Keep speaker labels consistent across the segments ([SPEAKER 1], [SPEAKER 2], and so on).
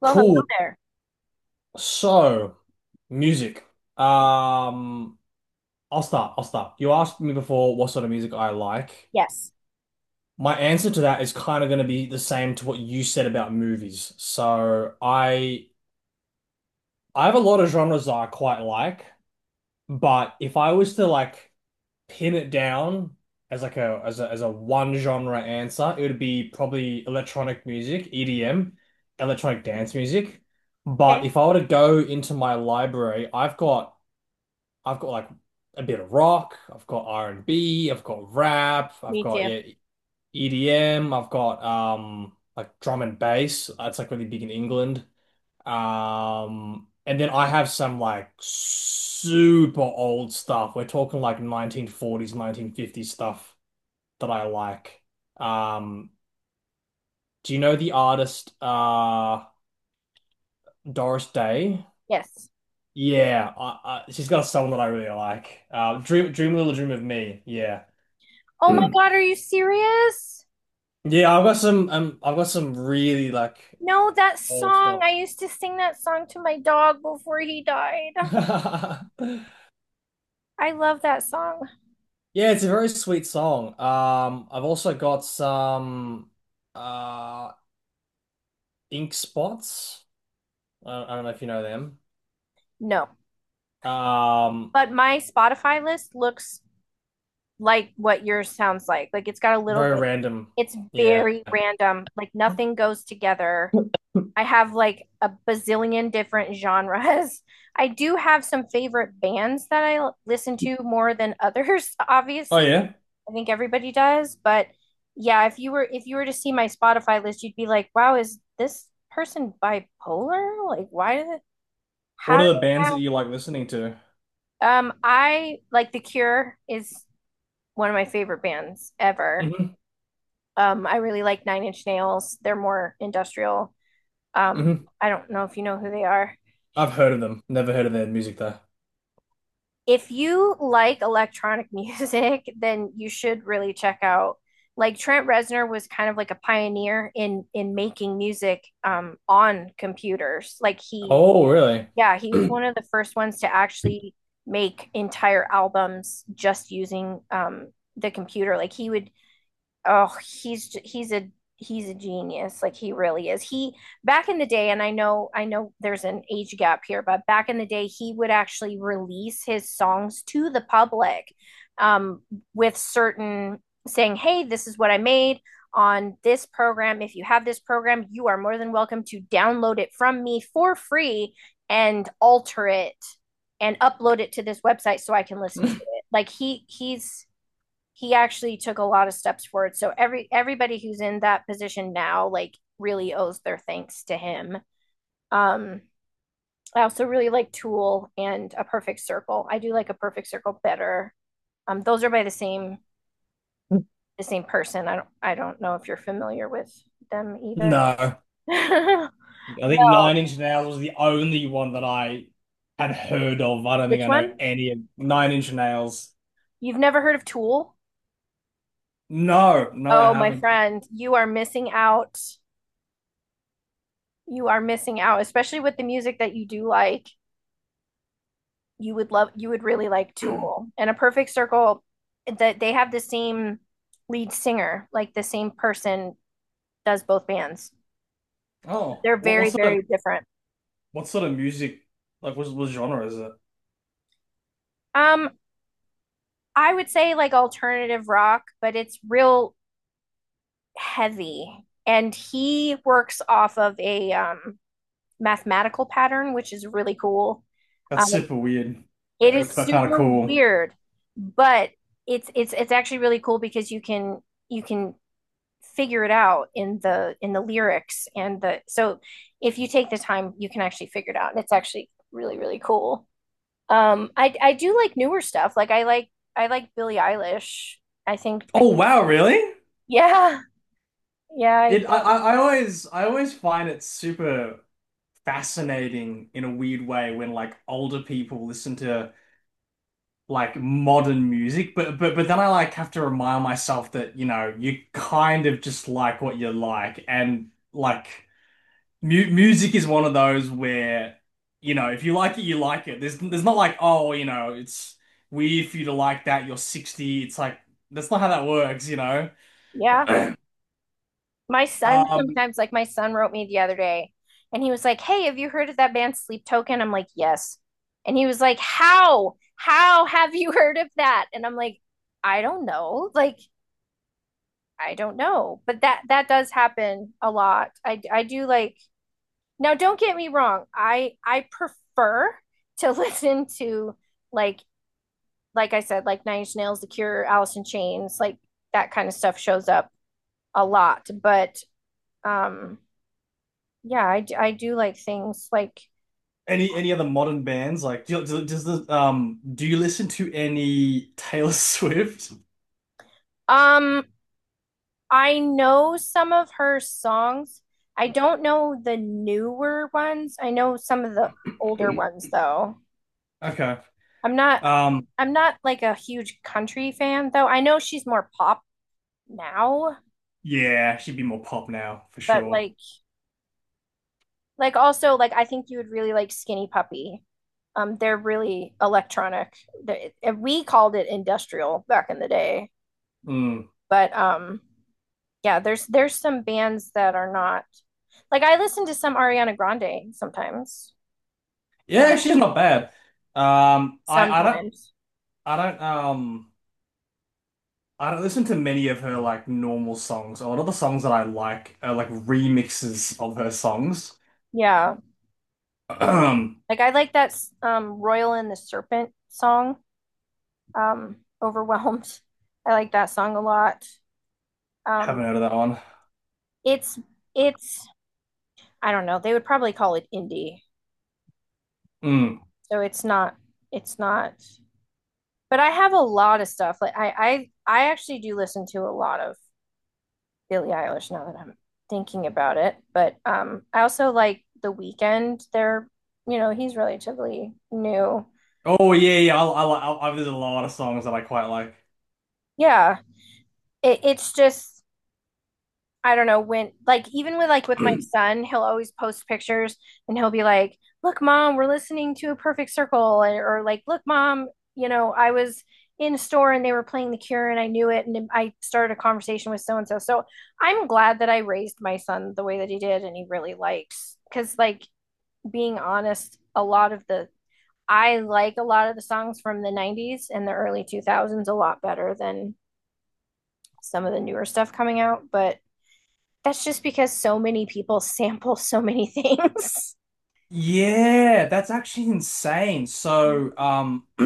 [SPEAKER 1] Well, hello
[SPEAKER 2] Cool.
[SPEAKER 1] there.
[SPEAKER 2] So, music. Um, I'll start. You asked me before what sort of music I like.
[SPEAKER 1] Yes.
[SPEAKER 2] My answer to that is kind of going to be the same to what you said about movies. So, I have a lot of genres that I quite like, but if I was to like pin it down as like a as a as a one genre answer, it would be probably electronic music, EDM, electronic dance music. But
[SPEAKER 1] Okay.
[SPEAKER 2] if I were to go into my library, I've got like a bit of rock, I've got r and B. have got rap, I've
[SPEAKER 1] Me
[SPEAKER 2] got,
[SPEAKER 1] too.
[SPEAKER 2] yeah, EDM, I've got like drum and bass. That's like really big in England. And then I have some like super old stuff. We're talking like 1940s, 1950s stuff that I like. Um do you know the artist Doris Day?
[SPEAKER 1] Yes.
[SPEAKER 2] Yeah, she's got a song that I really like. Dream a Little Dream of Me. Yeah.
[SPEAKER 1] Oh my God, are you serious?
[SPEAKER 2] Yeah, I've got some really like
[SPEAKER 1] No, that
[SPEAKER 2] old
[SPEAKER 1] song.
[SPEAKER 2] stuff.
[SPEAKER 1] I used to sing that song to my dog before he died. I love that song.
[SPEAKER 2] Yeah, it's a very sweet song. I've also got some uh Ink Spots. I don't know if you know them.
[SPEAKER 1] No,
[SPEAKER 2] Um
[SPEAKER 1] but my Spotify list looks like what yours sounds like. Like it's got a little
[SPEAKER 2] Very
[SPEAKER 1] bit,
[SPEAKER 2] random.
[SPEAKER 1] it's
[SPEAKER 2] Yeah.
[SPEAKER 1] very random. Like nothing goes together. I have like a bazillion different genres. I do have some favorite bands that listen to more than others,
[SPEAKER 2] Oh
[SPEAKER 1] obviously.
[SPEAKER 2] yeah.
[SPEAKER 1] I think everybody does, but yeah, if you were to see my Spotify list, you'd be like, "Wow, is this person bipolar? Like, why did it, how
[SPEAKER 2] What
[SPEAKER 1] did
[SPEAKER 2] are the
[SPEAKER 1] they
[SPEAKER 2] bands that
[SPEAKER 1] have
[SPEAKER 2] you like listening to?
[SPEAKER 1] I like The Cure is one of my favorite bands ever.
[SPEAKER 2] Hmm.
[SPEAKER 1] I really like Nine Inch Nails. They're more industrial. Um
[SPEAKER 2] Hmm.
[SPEAKER 1] I don't know if you know who they are.
[SPEAKER 2] I've heard of them. Never heard of their music though.
[SPEAKER 1] If you like electronic music, then you should really check out like Trent Reznor was kind of like a pioneer in making music on computers. Like he,
[SPEAKER 2] Oh, really?
[SPEAKER 1] yeah, he was one of the first ones to actually make entire albums just using the computer. Like he would, oh he's a genius, like he really is. He back in the day, and I know there's an age gap here, but back in the day he would actually release his songs to the public, um, with certain saying, hey, this is what I made on this program. If you have this program, you are more than welcome to download it from me for free and alter it and upload it to this website so I can listen to it. Like he, he actually took a lot of steps forward. So everybody who's in that position now, like, really owes their thanks to him. Um, I also really like Tool and A Perfect Circle. I do like A Perfect Circle better. Um, those are by the same person. I don't know if you're familiar with them either.
[SPEAKER 2] No. I think Nine
[SPEAKER 1] Well,
[SPEAKER 2] Inch Nails was the only one that I had heard of. I don't think
[SPEAKER 1] which
[SPEAKER 2] I know
[SPEAKER 1] one?
[SPEAKER 2] any of Nine Inch Nails.
[SPEAKER 1] You've never heard of Tool?
[SPEAKER 2] No, no, I
[SPEAKER 1] Oh, my
[SPEAKER 2] haven't.
[SPEAKER 1] friend, you are missing out. You are missing out, especially with the music that you do like. You would really like Tool. And A Perfect Circle, that they have the same lead singer. Like, the same person does both bands.
[SPEAKER 2] Oh,
[SPEAKER 1] They're
[SPEAKER 2] what
[SPEAKER 1] very,
[SPEAKER 2] sort of
[SPEAKER 1] very different.
[SPEAKER 2] music like what genre is it?
[SPEAKER 1] Um, I would say like alternative rock, but it's real heavy. And he works off of a mathematical pattern, which is really cool.
[SPEAKER 2] That's
[SPEAKER 1] Um,
[SPEAKER 2] super weird,
[SPEAKER 1] it
[SPEAKER 2] but
[SPEAKER 1] is
[SPEAKER 2] kind of
[SPEAKER 1] super
[SPEAKER 2] cool.
[SPEAKER 1] weird, but it's actually really cool because you can figure it out in the lyrics and the so if you take the time you can actually figure it out, and it's actually really, really cool. I do like newer stuff. Like I like Billie Eilish. i think i
[SPEAKER 2] Oh
[SPEAKER 1] think
[SPEAKER 2] wow, really?
[SPEAKER 1] yeah, yeah, I
[SPEAKER 2] It
[SPEAKER 1] do.
[SPEAKER 2] I always find it super fascinating in a weird way when like older people listen to like modern music, but then I like have to remind myself that, you kind of just like what you like and like mu music is one of those where, if you like it, you like it. There's not like, oh, it's weird for you to like that, you're 60. It's like that's not how that works.
[SPEAKER 1] Yeah, my son
[SPEAKER 2] Um
[SPEAKER 1] sometimes, like, my son wrote me the other day and he was like, hey, have you heard of that band Sleep Token? I'm like, yes. And he was like, how have you heard of that? And I'm like, I don't know, like, I don't know. But that that does happen a lot. I do like now. Don't get me wrong. I prefer to listen to like like I said, like Nine Inch Nails, The Cure, Alice in Chains, like that kind of stuff shows up a lot. But um, yeah, I do like things like
[SPEAKER 2] any other modern bands like do, you- do does the do you listen to any Taylor Swift?
[SPEAKER 1] um I know some of her songs. I don't know the newer ones. I know some of the older ones though.
[SPEAKER 2] Okay.
[SPEAKER 1] I'm not,
[SPEAKER 2] Um
[SPEAKER 1] I'm not like a huge country fan though. I know she's more pop now,
[SPEAKER 2] yeah, she'd be more pop now for
[SPEAKER 1] but
[SPEAKER 2] sure.
[SPEAKER 1] like also, like, I think you would really like Skinny Puppy. They're really electronic. We called it industrial back in the day,
[SPEAKER 2] Mm.
[SPEAKER 1] but yeah, there's some bands that are not like, I listen to some Ariana Grande sometimes.
[SPEAKER 2] Yeah,
[SPEAKER 1] Some,
[SPEAKER 2] she's not bad. Um, I I don't
[SPEAKER 1] sometimes,
[SPEAKER 2] I don't um I don't listen to many of her like normal songs. A lot of the songs that I like are like remixes of her songs.
[SPEAKER 1] yeah.
[SPEAKER 2] Haven't
[SPEAKER 1] Like I like that Royal and the Serpent song. um, Overwhelmed. I like that song a lot. Um,
[SPEAKER 2] heard of that one.
[SPEAKER 1] it's it's I don't know. They would probably call it indie.
[SPEAKER 2] Mm.
[SPEAKER 1] So it's not, it's not. But I have a lot of stuff. Like I actually do listen to a lot of Billie Eilish now that I'm thinking about it. But I also like The Weekend. They're, you know, he's relatively new.
[SPEAKER 2] Oh yeah, yeah. I like I, There's a lot of songs that I quite like.
[SPEAKER 1] Yeah. It, it's just, I don't know when, like, even with, like, with my son, he'll always post pictures and he'll be like, "Look, mom, we're listening to A Perfect Circle," or like, "Look, mom, you know, I was in a store and they were playing The Cure and I knew it and I started a conversation with so and so." So I'm glad that I raised my son the way that he did and he really likes, because, like, being honest, a lot of the, I like a lot of the songs from the 90s and the early 2000s a lot better than some of the newer stuff coming out, but that's just because so many people sample so many things.
[SPEAKER 2] Yeah, that's actually insane. So uh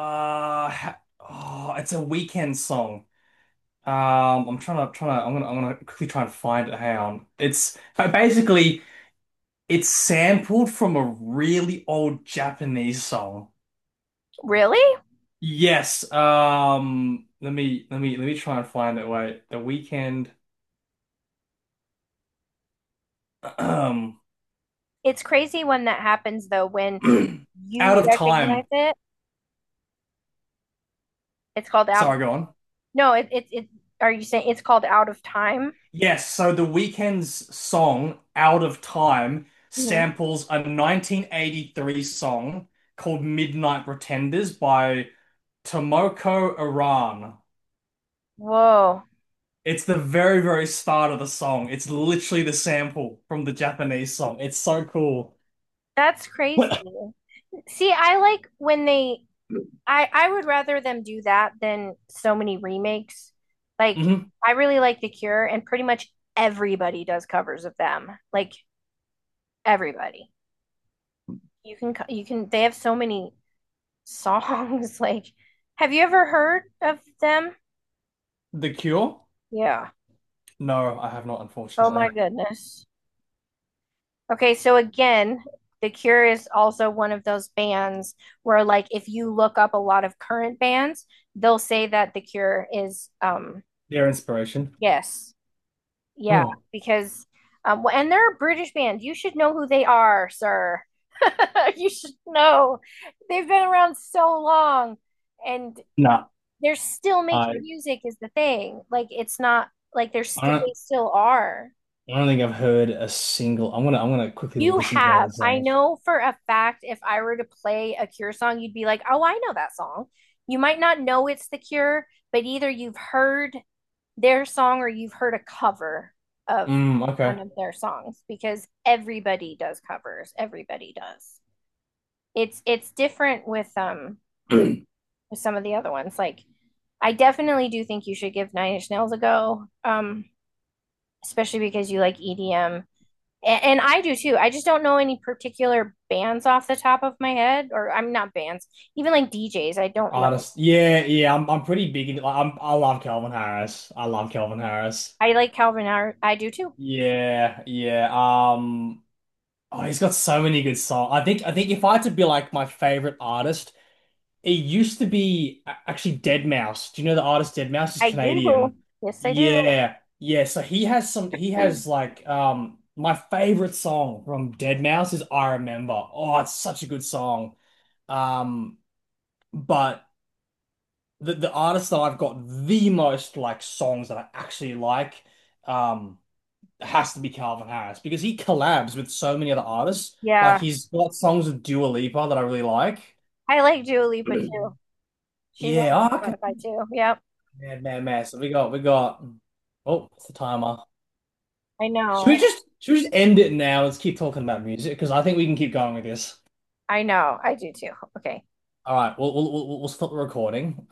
[SPEAKER 2] ha- oh, it's a Weekend song. I'm trying to I'm gonna quickly try and find it. Hang on. It's But basically it's sampled from a really old Japanese song.
[SPEAKER 1] Really?
[SPEAKER 2] Yes. Let me try and find it. Wait. The Weekend. Um.
[SPEAKER 1] It's crazy when that happens though, when
[SPEAKER 2] Out
[SPEAKER 1] you
[SPEAKER 2] of
[SPEAKER 1] recognize
[SPEAKER 2] Time.
[SPEAKER 1] it. It's called out of,
[SPEAKER 2] Sorry. Go on.
[SPEAKER 1] no, it, are you saying it's called Out of Time?
[SPEAKER 2] Yes. So the Weekend's song Out of Time
[SPEAKER 1] Mhm.
[SPEAKER 2] samples a 1983 song called Midnight Pretenders by Tomoko Aran.
[SPEAKER 1] Whoa,
[SPEAKER 2] It's the very, very start of the song. It's literally the sample from the Japanese song. It's so cool.
[SPEAKER 1] that's crazy.
[SPEAKER 2] What?
[SPEAKER 1] See, I like when they, I would rather them do that than so many remakes. Like,
[SPEAKER 2] Hmm.
[SPEAKER 1] I really like The Cure and pretty much everybody does covers of them. Like everybody. You can, they have so many songs. Like, have you ever heard of them?
[SPEAKER 2] The Cure?
[SPEAKER 1] Yeah.
[SPEAKER 2] No, I have not,
[SPEAKER 1] Oh my
[SPEAKER 2] unfortunately.
[SPEAKER 1] goodness. Okay, so again, The Cure is also one of those bands where, like, if you look up a lot of current bands, they'll say that The Cure is,
[SPEAKER 2] Their inspiration?
[SPEAKER 1] yes, yeah,
[SPEAKER 2] Hmm.
[SPEAKER 1] because, and they're a British band. You should know who they are, sir. You should know. They've been around so long, and
[SPEAKER 2] Nah,
[SPEAKER 1] they're still making
[SPEAKER 2] I,
[SPEAKER 1] music is the thing. Like it's not, like they're
[SPEAKER 2] I
[SPEAKER 1] st
[SPEAKER 2] don't,
[SPEAKER 1] they still are.
[SPEAKER 2] I don't think I've heard a single. I'm gonna quickly
[SPEAKER 1] You
[SPEAKER 2] listen to one of
[SPEAKER 1] have.
[SPEAKER 2] the
[SPEAKER 1] I
[SPEAKER 2] songs.
[SPEAKER 1] know for a fact if I were to play a Cure song, you'd be like, "Oh, I know that song." You might not know it's The Cure, but either you've heard their song or you've heard a cover of
[SPEAKER 2] Mm,
[SPEAKER 1] one of their songs because everybody does covers. Everybody does. It's different
[SPEAKER 2] okay.
[SPEAKER 1] with some of the other ones. Like, I definitely do think you should give Nine Inch Nails a go. Especially because you like EDM. And I do too. I just don't know any particular bands off the top of my head, or I'm not bands, even, like, DJs. I don't know.
[SPEAKER 2] Artist. Yeah, yeah. I'm pretty big into. Like, I love Calvin Harris. I love Calvin Harris.
[SPEAKER 1] I like Calvin Harris. I do too.
[SPEAKER 2] Yeah, yeah. Oh, he's got so many good songs. I think if I had to be like my favorite artist, it used to be actually deadmau5. Do you know the artist deadmau5 is
[SPEAKER 1] I do.
[SPEAKER 2] Canadian?
[SPEAKER 1] Yes, I do.
[SPEAKER 2] Yeah. Yeah, so he has some he has like my favorite song from deadmau5 is I Remember. Oh, it's such a good song. Um but the artist that I've got the most like songs that I actually like um has to be Calvin Harris because he collabs with so many other artists. Like
[SPEAKER 1] Yeah.
[SPEAKER 2] he's got songs with Dua Lipa that I really like.
[SPEAKER 1] I like Dua Lipa too. She's on
[SPEAKER 2] Yeah,
[SPEAKER 1] my
[SPEAKER 2] oh, okay.
[SPEAKER 1] Spotify too. Yep.
[SPEAKER 2] Man, man, man. So we got oh, it's the timer.
[SPEAKER 1] I know.
[SPEAKER 2] Should we just end it now? Let's keep talking about music because I think we can keep going with this.
[SPEAKER 1] I know. I do too. Okay.
[SPEAKER 2] All right, we'll stop the recording.